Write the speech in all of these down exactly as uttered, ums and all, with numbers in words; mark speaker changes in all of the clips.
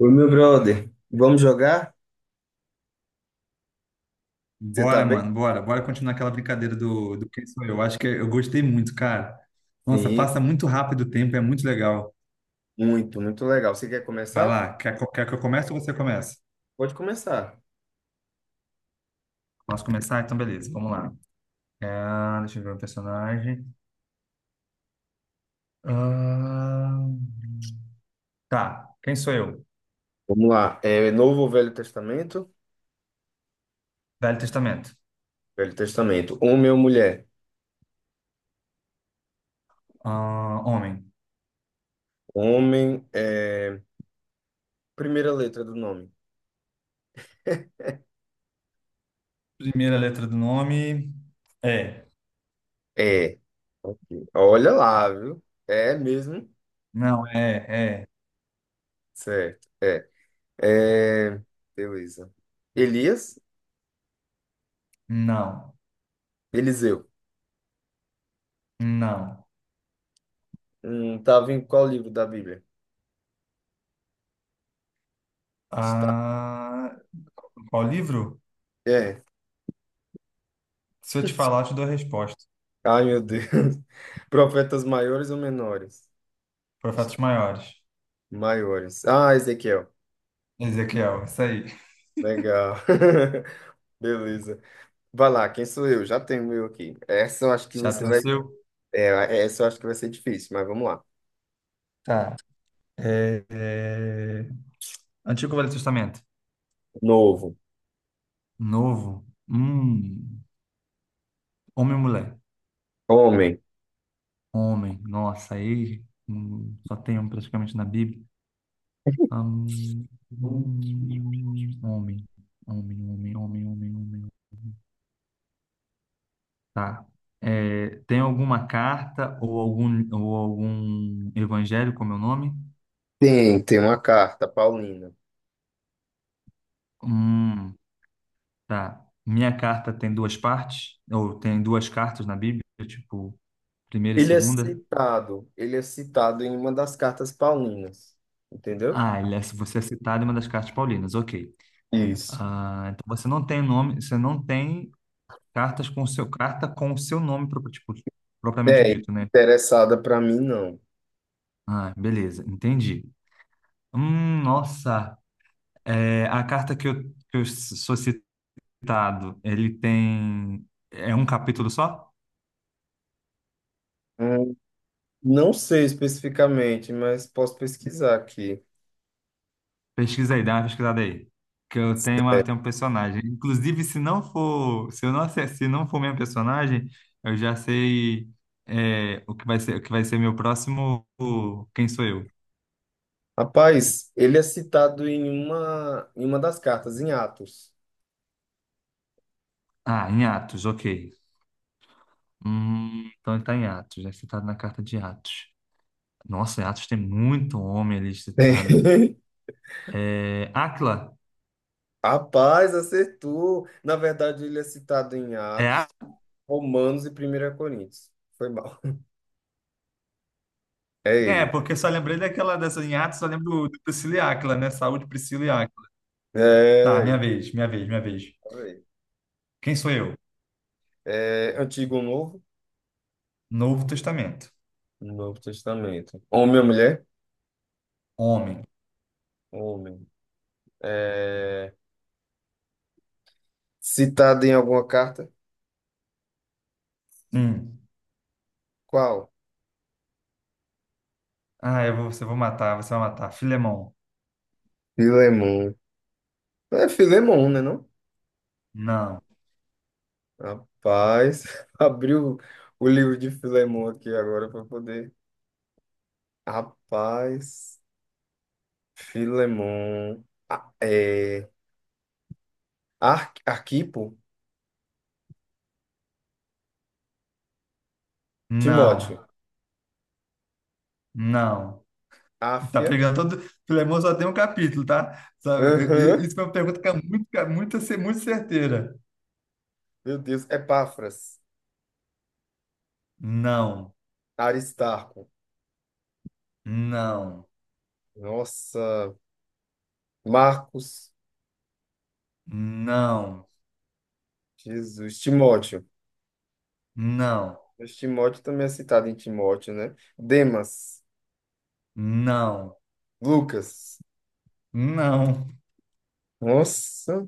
Speaker 1: Oi, meu brother. Vamos jogar? Você tá
Speaker 2: Bora,
Speaker 1: bem?
Speaker 2: mano, bora. Bora continuar aquela brincadeira do, do Quem Sou Eu. Acho que eu gostei muito, cara. Nossa,
Speaker 1: Sim,
Speaker 2: passa muito rápido o tempo, é muito legal.
Speaker 1: muito, muito legal. Você quer
Speaker 2: Vai
Speaker 1: começar?
Speaker 2: lá, quer, co- quer que eu comece ou você começa?
Speaker 1: Pode começar.
Speaker 2: Posso começar? Então, beleza, vamos lá. É, deixa eu ver o personagem. Ah, tá, quem sou eu?
Speaker 1: Vamos lá. É Novo ou Velho Testamento?
Speaker 2: Velho Testamento.
Speaker 1: Velho Testamento. Homem ou mulher?
Speaker 2: Ah, homem.
Speaker 1: Homem, é... primeira letra do nome.
Speaker 2: Primeira letra do nome é.
Speaker 1: É. Ok. Olha lá, viu? É mesmo?
Speaker 2: Não, é, é.
Speaker 1: Certo. É. É. Beleza. Elias?
Speaker 2: Não,
Speaker 1: Eliseu.
Speaker 2: não.
Speaker 1: Hum, tava em qual livro da Bíblia?
Speaker 2: Ah, Qual livro?
Speaker 1: É.
Speaker 2: Se eu te falar, eu te dou a resposta.
Speaker 1: Ai, meu Deus. Profetas maiores ou menores?
Speaker 2: Foi fatos maiores.
Speaker 1: Maiores. Ah, Ezequiel.
Speaker 2: Ezequiel, isso aí.
Speaker 1: Legal. Beleza. Vai lá, quem sou eu? Já tenho o meu aqui. Essa eu acho que
Speaker 2: Já
Speaker 1: você
Speaker 2: tem o
Speaker 1: vai.
Speaker 2: seu?
Speaker 1: É, essa eu acho que vai ser difícil, mas vamos lá.
Speaker 2: Tá. É, é... Antigo Velho Testamento.
Speaker 1: Novo.
Speaker 2: Novo. Hum. Homem e mulher.
Speaker 1: Homem.
Speaker 2: Homem. Nossa, aí hum, só tem um praticamente na Bíblia. Hum, hum, Homem. Homem, homem, homem, homem, homem. Tá. É, tem alguma carta ou algum, ou algum evangelho com meu nome?
Speaker 1: Tem, tem uma carta, paulina.
Speaker 2: Hum. Tá. Minha carta tem duas partes, ou tem duas cartas na Bíblia, tipo, primeira e
Speaker 1: Ele é
Speaker 2: segunda.
Speaker 1: citado. Ele é citado em uma das cartas paulinas. Entendeu?
Speaker 2: Ah, ele é- você é citado em uma das cartas paulinas, ok.
Speaker 1: Isso.
Speaker 2: Ah, então você não tem nome, você não tem cartas com seu carta com o seu nome pro- tipo, propriamente
Speaker 1: É,
Speaker 2: dito, né?
Speaker 1: interessada para mim, não.
Speaker 2: Ah, beleza, entendi. Hum, nossa, é, a carta que eu, que eu sou citado, ele tem é um capítulo só?
Speaker 1: Hum, não sei especificamente, mas posso pesquisar aqui.
Speaker 2: Pesquisa aí, dá uma pesquisada aí. Que eu tenho, uma, tenho um personagem. Inclusive, se não for, se eu não, ace- se não for meu personagem, eu já sei é, o que vai ser, o que vai ser meu próximo. o- Quem sou eu?
Speaker 1: Rapaz, ele é citado em uma, em uma das cartas, em Atos.
Speaker 2: Ah, em Atos, ok. Hum, então ele tá em Atos, é citado na carta de Atos. Nossa, em Atos tem muito homem ali citado.
Speaker 1: Tem.
Speaker 2: É, Áquila?
Speaker 1: Rapaz, acertou. Na verdade, ele é citado em
Speaker 2: É,
Speaker 1: Atos,
Speaker 2: Á-
Speaker 1: Romanos e primeira Coríntios. Foi mal. É
Speaker 2: é,
Speaker 1: ele.
Speaker 2: porque só lembrei daquela dessa em Atos, só lembro do Priscila e Áquila, né? Saúde, Priscila e Áquila. Tá, minha
Speaker 1: É,
Speaker 2: vez, minha vez, minha vez.
Speaker 1: ele.
Speaker 2: Quem sou eu?
Speaker 1: É Antigo ou Novo?
Speaker 2: Novo Testamento.
Speaker 1: Novo Testamento. Homem ou mulher?
Speaker 2: Homem.
Speaker 1: Homem. É, citado em alguma carta?
Speaker 2: Hum.
Speaker 1: Qual?
Speaker 2: Ah, eu vou, você vou matar, você vai matar. Filemão.
Speaker 1: Filemon. É Filemon, né, não?
Speaker 2: Não,
Speaker 1: Rapaz, abriu o livro de Filemon aqui agora para poder. Rapaz, Filemon, a- é, Ar, Arquipo,
Speaker 2: não,
Speaker 1: Timóteo,
Speaker 2: não. Tá
Speaker 1: Áfia,
Speaker 2: pegando todo. Filemão só tem um capítulo, tá? Sabe,
Speaker 1: aham,
Speaker 2: e- e- isso é uma pergunta que é muito, que é muito, cer- muito certeira.
Speaker 1: meu Deus, Epáfras,
Speaker 2: Não,
Speaker 1: Aristarco,
Speaker 2: não,
Speaker 1: nossa, Marcos,
Speaker 2: não,
Speaker 1: Jesus, Timóteo.
Speaker 2: não,
Speaker 1: Mas Timóteo também é citado em Timóteo, né? Demas,
Speaker 2: não,
Speaker 1: Lucas,
Speaker 2: não.
Speaker 1: nossa,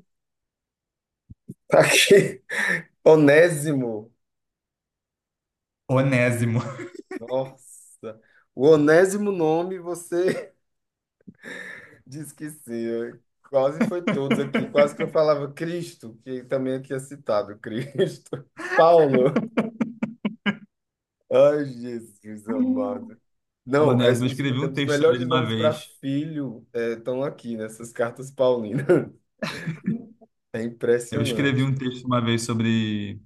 Speaker 1: tá aqui, Onésimo,
Speaker 2: Onésimo.
Speaker 1: nossa, o onésimo nome você disse que sim, quase foi todos aqui. Quase que eu falava Cristo, que também aqui é citado, Cristo. Paulo. Ai, Jesus amado. Não, es-
Speaker 2: Onésimo, eu
Speaker 1: os,
Speaker 2: escrevi um
Speaker 1: os
Speaker 2: texto sobre ele
Speaker 1: melhores
Speaker 2: uma
Speaker 1: nomes para
Speaker 2: vez.
Speaker 1: filho eh, estão aqui nessas cartas paulinas. É
Speaker 2: Eu escrevi
Speaker 1: impressionante.
Speaker 2: um texto uma vez sobre,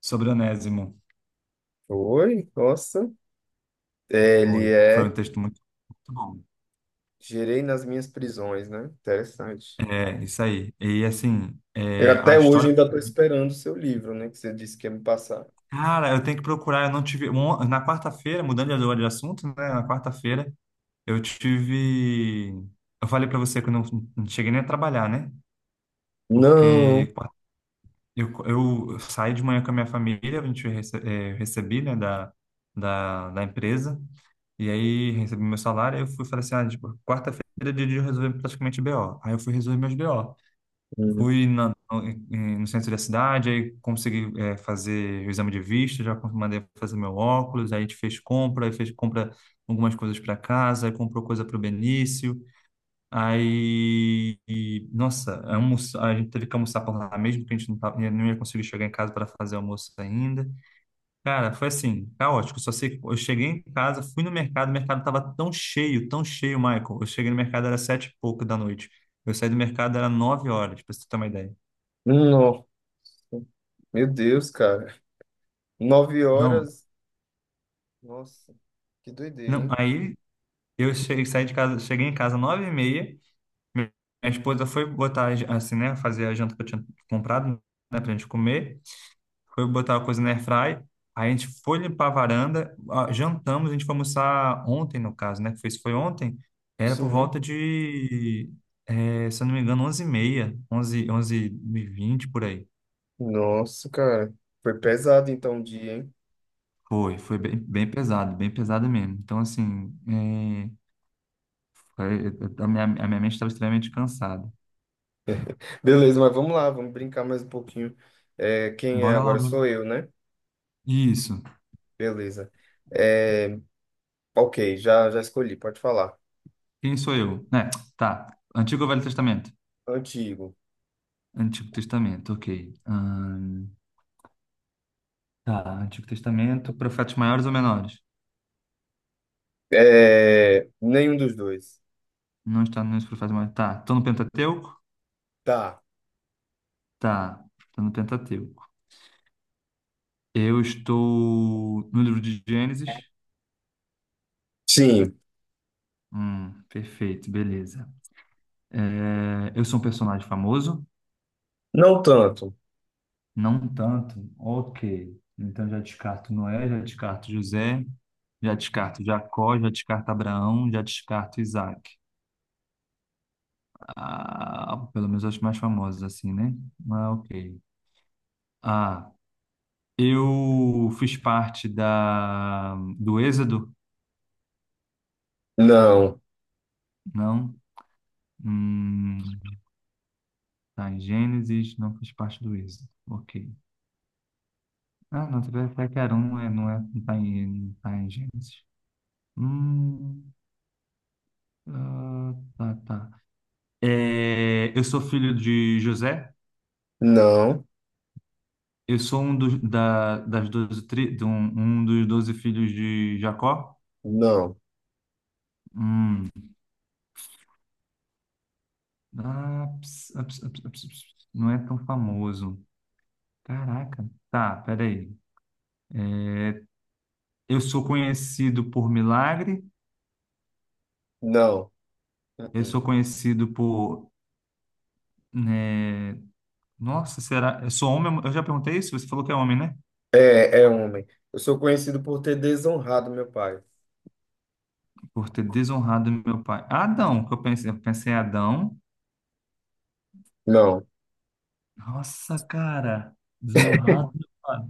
Speaker 2: sobre Onésimo.
Speaker 1: Oi, nossa. É,
Speaker 2: Foi,
Speaker 1: ele
Speaker 2: foi um
Speaker 1: é.
Speaker 2: texto muito, muito bom.
Speaker 1: Gerei nas minhas prisões, né? Interessante.
Speaker 2: É, isso aí. E assim,
Speaker 1: Eu
Speaker 2: é, a
Speaker 1: até hoje
Speaker 2: história.
Speaker 1: ainda estou esperando o seu livro, né? Que você disse que ia me passar.
Speaker 2: Cara, eu tenho que procurar. Eu não tive. um- Na quarta-feira, mudando de agora de assunto, né? Na quarta-feira, eu tive. Eu falei pra você que eu não, não cheguei nem a trabalhar, né?
Speaker 1: Não.
Speaker 2: Porque qua- eu, eu saí de manhã com a minha família, a gente rece, é, recebi, né, da, da, da empresa. E aí recebi meu salário, aí eu fui e falei assim, ah, tipo, quarta-feira é dia de resolver praticamente B O. Aí eu fui resolver meus B O.
Speaker 1: Hum.
Speaker 2: Fui na- no, em- no centro da cidade, aí consegui eh, fazer o exame de vista, já con- mandei fazer meu óculos, aí a gente fez compra, aí fez compra algumas coisas para casa, aí comprou coisa para o Benício, aí, e, nossa, almoço, a gente teve que almoçar por lá mesmo, porque a gente não, tava, não ia conseguir chegar em casa para fazer almoço ainda. Cara, foi assim, caótico, só sei, que eu cheguei em casa, fui no mercado, o mercado estava tão cheio, tão cheio, Michael, eu cheguei no mercado, era sete e pouco da noite. Eu saí do mercado, era nove horas, para você ter uma ideia.
Speaker 1: Não. Meu Deus, cara. Nove
Speaker 2: Não,
Speaker 1: horas. Nossa, que doideira,
Speaker 2: não.
Speaker 1: hein?
Speaker 2: Aí eu cheguei, saí de casa, cheguei em casa nove e meia. Minha esposa foi botar a jan- assim, né, fazer a janta que eu tinha comprado, né, pra gente comer. Foi botar a coisa na airfry. Aí a gente foi limpar a varanda, ah, jantamos, a gente foi almoçar ontem, no caso, né? que Foi isso foi ontem. Era por
Speaker 1: Sim.
Speaker 2: volta de, eh, se eu não me engano, onze e meia, onze, onze e vinte por aí.
Speaker 1: Nossa, cara. Foi pesado então o dia, hein?
Speaker 2: Foi, foi bem, bem pesado, bem pesado mesmo. Então, assim, eh, foi- eu- eu- a minha, a minha mente estava extremamente cansada.
Speaker 1: Beleza, mas vamos lá, vamos brincar mais um pouquinho. É, quem é
Speaker 2: Bora lá,
Speaker 1: agora
Speaker 2: bora
Speaker 1: sou
Speaker 2: lá.
Speaker 1: eu, né?
Speaker 2: Isso.
Speaker 1: Beleza. É, ok, já, já escolhi, pode falar.
Speaker 2: Quem sou eu? Né? Tá. Antigo ou Velho Testamento?
Speaker 1: Antigo.
Speaker 2: Antigo Testamento, ok. Ahn, tá. Antigo Testamento, profetas maiores ou menores?
Speaker 1: É, nenhum dos dois.
Speaker 2: Não está nos profetas maiores. Tá. Estou no Pentateuco?
Speaker 1: Tá.
Speaker 2: Tá. Estou no Pentateuco. Eu estou no livro de Gênesis?
Speaker 1: Sim.
Speaker 2: Hum, perfeito, beleza. É, eu sou um personagem famoso?
Speaker 1: Não tanto.
Speaker 2: Não tanto. Ok. Então já descarto Noé, já descarto José. Já descarto Jacó, já descarto Abraão, já descarto Isaac. Ah, pelo menos as mais famosas, assim, né? Ah, ok. Ah, eu fiz parte da, do Êxodo?
Speaker 1: Não.
Speaker 2: Não. Hum, tá em Gênesis, não fiz parte do Êxodo. Ok. Ah, não, Tepequarão não é, não é, não tá em, não tá em Gênesis. Hum, ah, tá, tá. É, eu sou filho de José.
Speaker 1: Não.
Speaker 2: Eu sou um dos, da, das doze tri, de um, um dos doze filhos de Jacó.
Speaker 1: Não.
Speaker 2: Hum, Ah, ps- ah, ps- ah, ps- ah, ps- ps- não é tão famoso. Caraca. Tá, peraí. Eu sou conhecido por milagre.
Speaker 1: Não.
Speaker 2: Eu sou
Speaker 1: Uh-uh.
Speaker 2: conhecido por, né, Nossa, será? Eu sou homem? Eu já perguntei isso. Você falou que é homem, né?
Speaker 1: É, é homem. Eu sou conhecido por ter desonrado meu pai.
Speaker 2: Por ter desonrado meu pai. Adão, que eu pensei. Eu pensei em Adão.
Speaker 1: Não,
Speaker 2: Nossa, cara. Desonrado meu pai.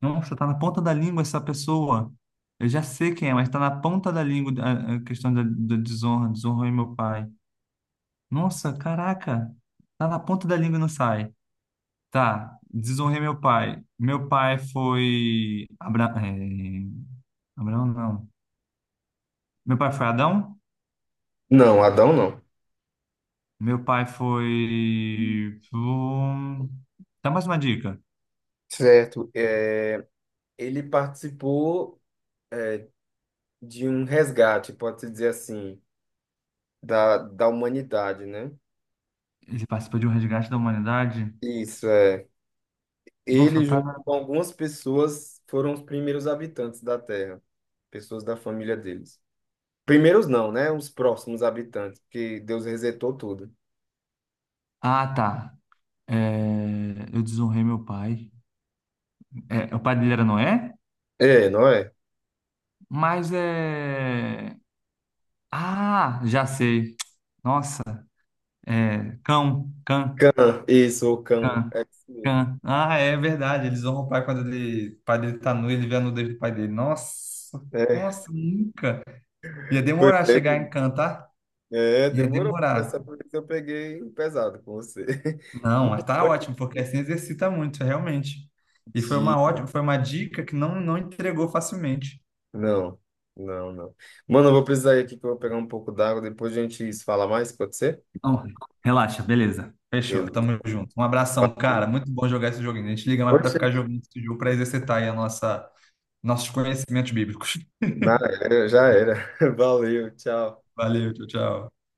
Speaker 2: Nossa, tá na ponta da língua essa pessoa. Eu já sei quem é, mas tá na ponta da língua a a questão da, da desonra. Desonrou meu pai. Nossa, caraca, tá na ponta da língua e não sai. Tá, desonrei meu pai. Meu pai foi. Abra... é, Abraão, não. Meu pai foi Adão?
Speaker 1: não, Adão não.
Speaker 2: Meu pai foi. hum, Dá mais uma dica.
Speaker 1: Certo. É, ele participou é, de um resgate, pode-se dizer assim, da, da humanidade, né?
Speaker 2: Ele participou de um resgate da humanidade?
Speaker 1: Isso, é.
Speaker 2: Nossa,
Speaker 1: Ele,
Speaker 2: tá
Speaker 1: junto
Speaker 2: na.
Speaker 1: com algumas pessoas, foram os primeiros habitantes da Terra, pessoas da família deles. Primeiros não, né? Os próximos habitantes, porque Deus resetou tudo.
Speaker 2: Ah, tá. É, eu desonrei meu pai. É, o pai dele era Noé?
Speaker 1: É, não é?
Speaker 2: Mas é. Ah, já sei. Nossa, é. Cão, cão.
Speaker 1: Cã, isso, o cão.
Speaker 2: Cã.
Speaker 1: É isso mesmo.
Speaker 2: Cã. Ah, é verdade. Eles honram o pai quando ele, o pai dele tá nu, ele vê a nudez do pai dele. Nossa,
Speaker 1: É,
Speaker 2: nossa, nunca. Ia
Speaker 1: foi
Speaker 2: demorar chegar em
Speaker 1: bem.
Speaker 2: Cã, tá?
Speaker 1: É,
Speaker 2: Ia
Speaker 1: demorou.
Speaker 2: demorar.
Speaker 1: Essa vez eu peguei pesado com você.
Speaker 2: Não, mas
Speaker 1: Mano,
Speaker 2: tá
Speaker 1: foi que
Speaker 2: ótimo, porque assim exercita muito, realmente. E foi uma
Speaker 1: dia.
Speaker 2: ótima, foi uma dica que não, não entregou facilmente.
Speaker 1: Não, não, não. Mano, eu vou precisar ir aqui que eu vou pegar um pouco d'água. Depois a gente se fala mais, pode ser?
Speaker 2: Não, relaxa, beleza. Fechou,
Speaker 1: Beleza.
Speaker 2: tamo junto. Um abração, cara.
Speaker 1: Valeu.
Speaker 2: Muito bom jogar esse joguinho. A gente liga mais pra
Speaker 1: Oxe,
Speaker 2: ficar jogando esse jogo pra exercitar aí a nossa, nossos conhecimentos bíblicos.
Speaker 1: na- já era. Valeu, tchau.
Speaker 2: Valeu, tchau, tchau.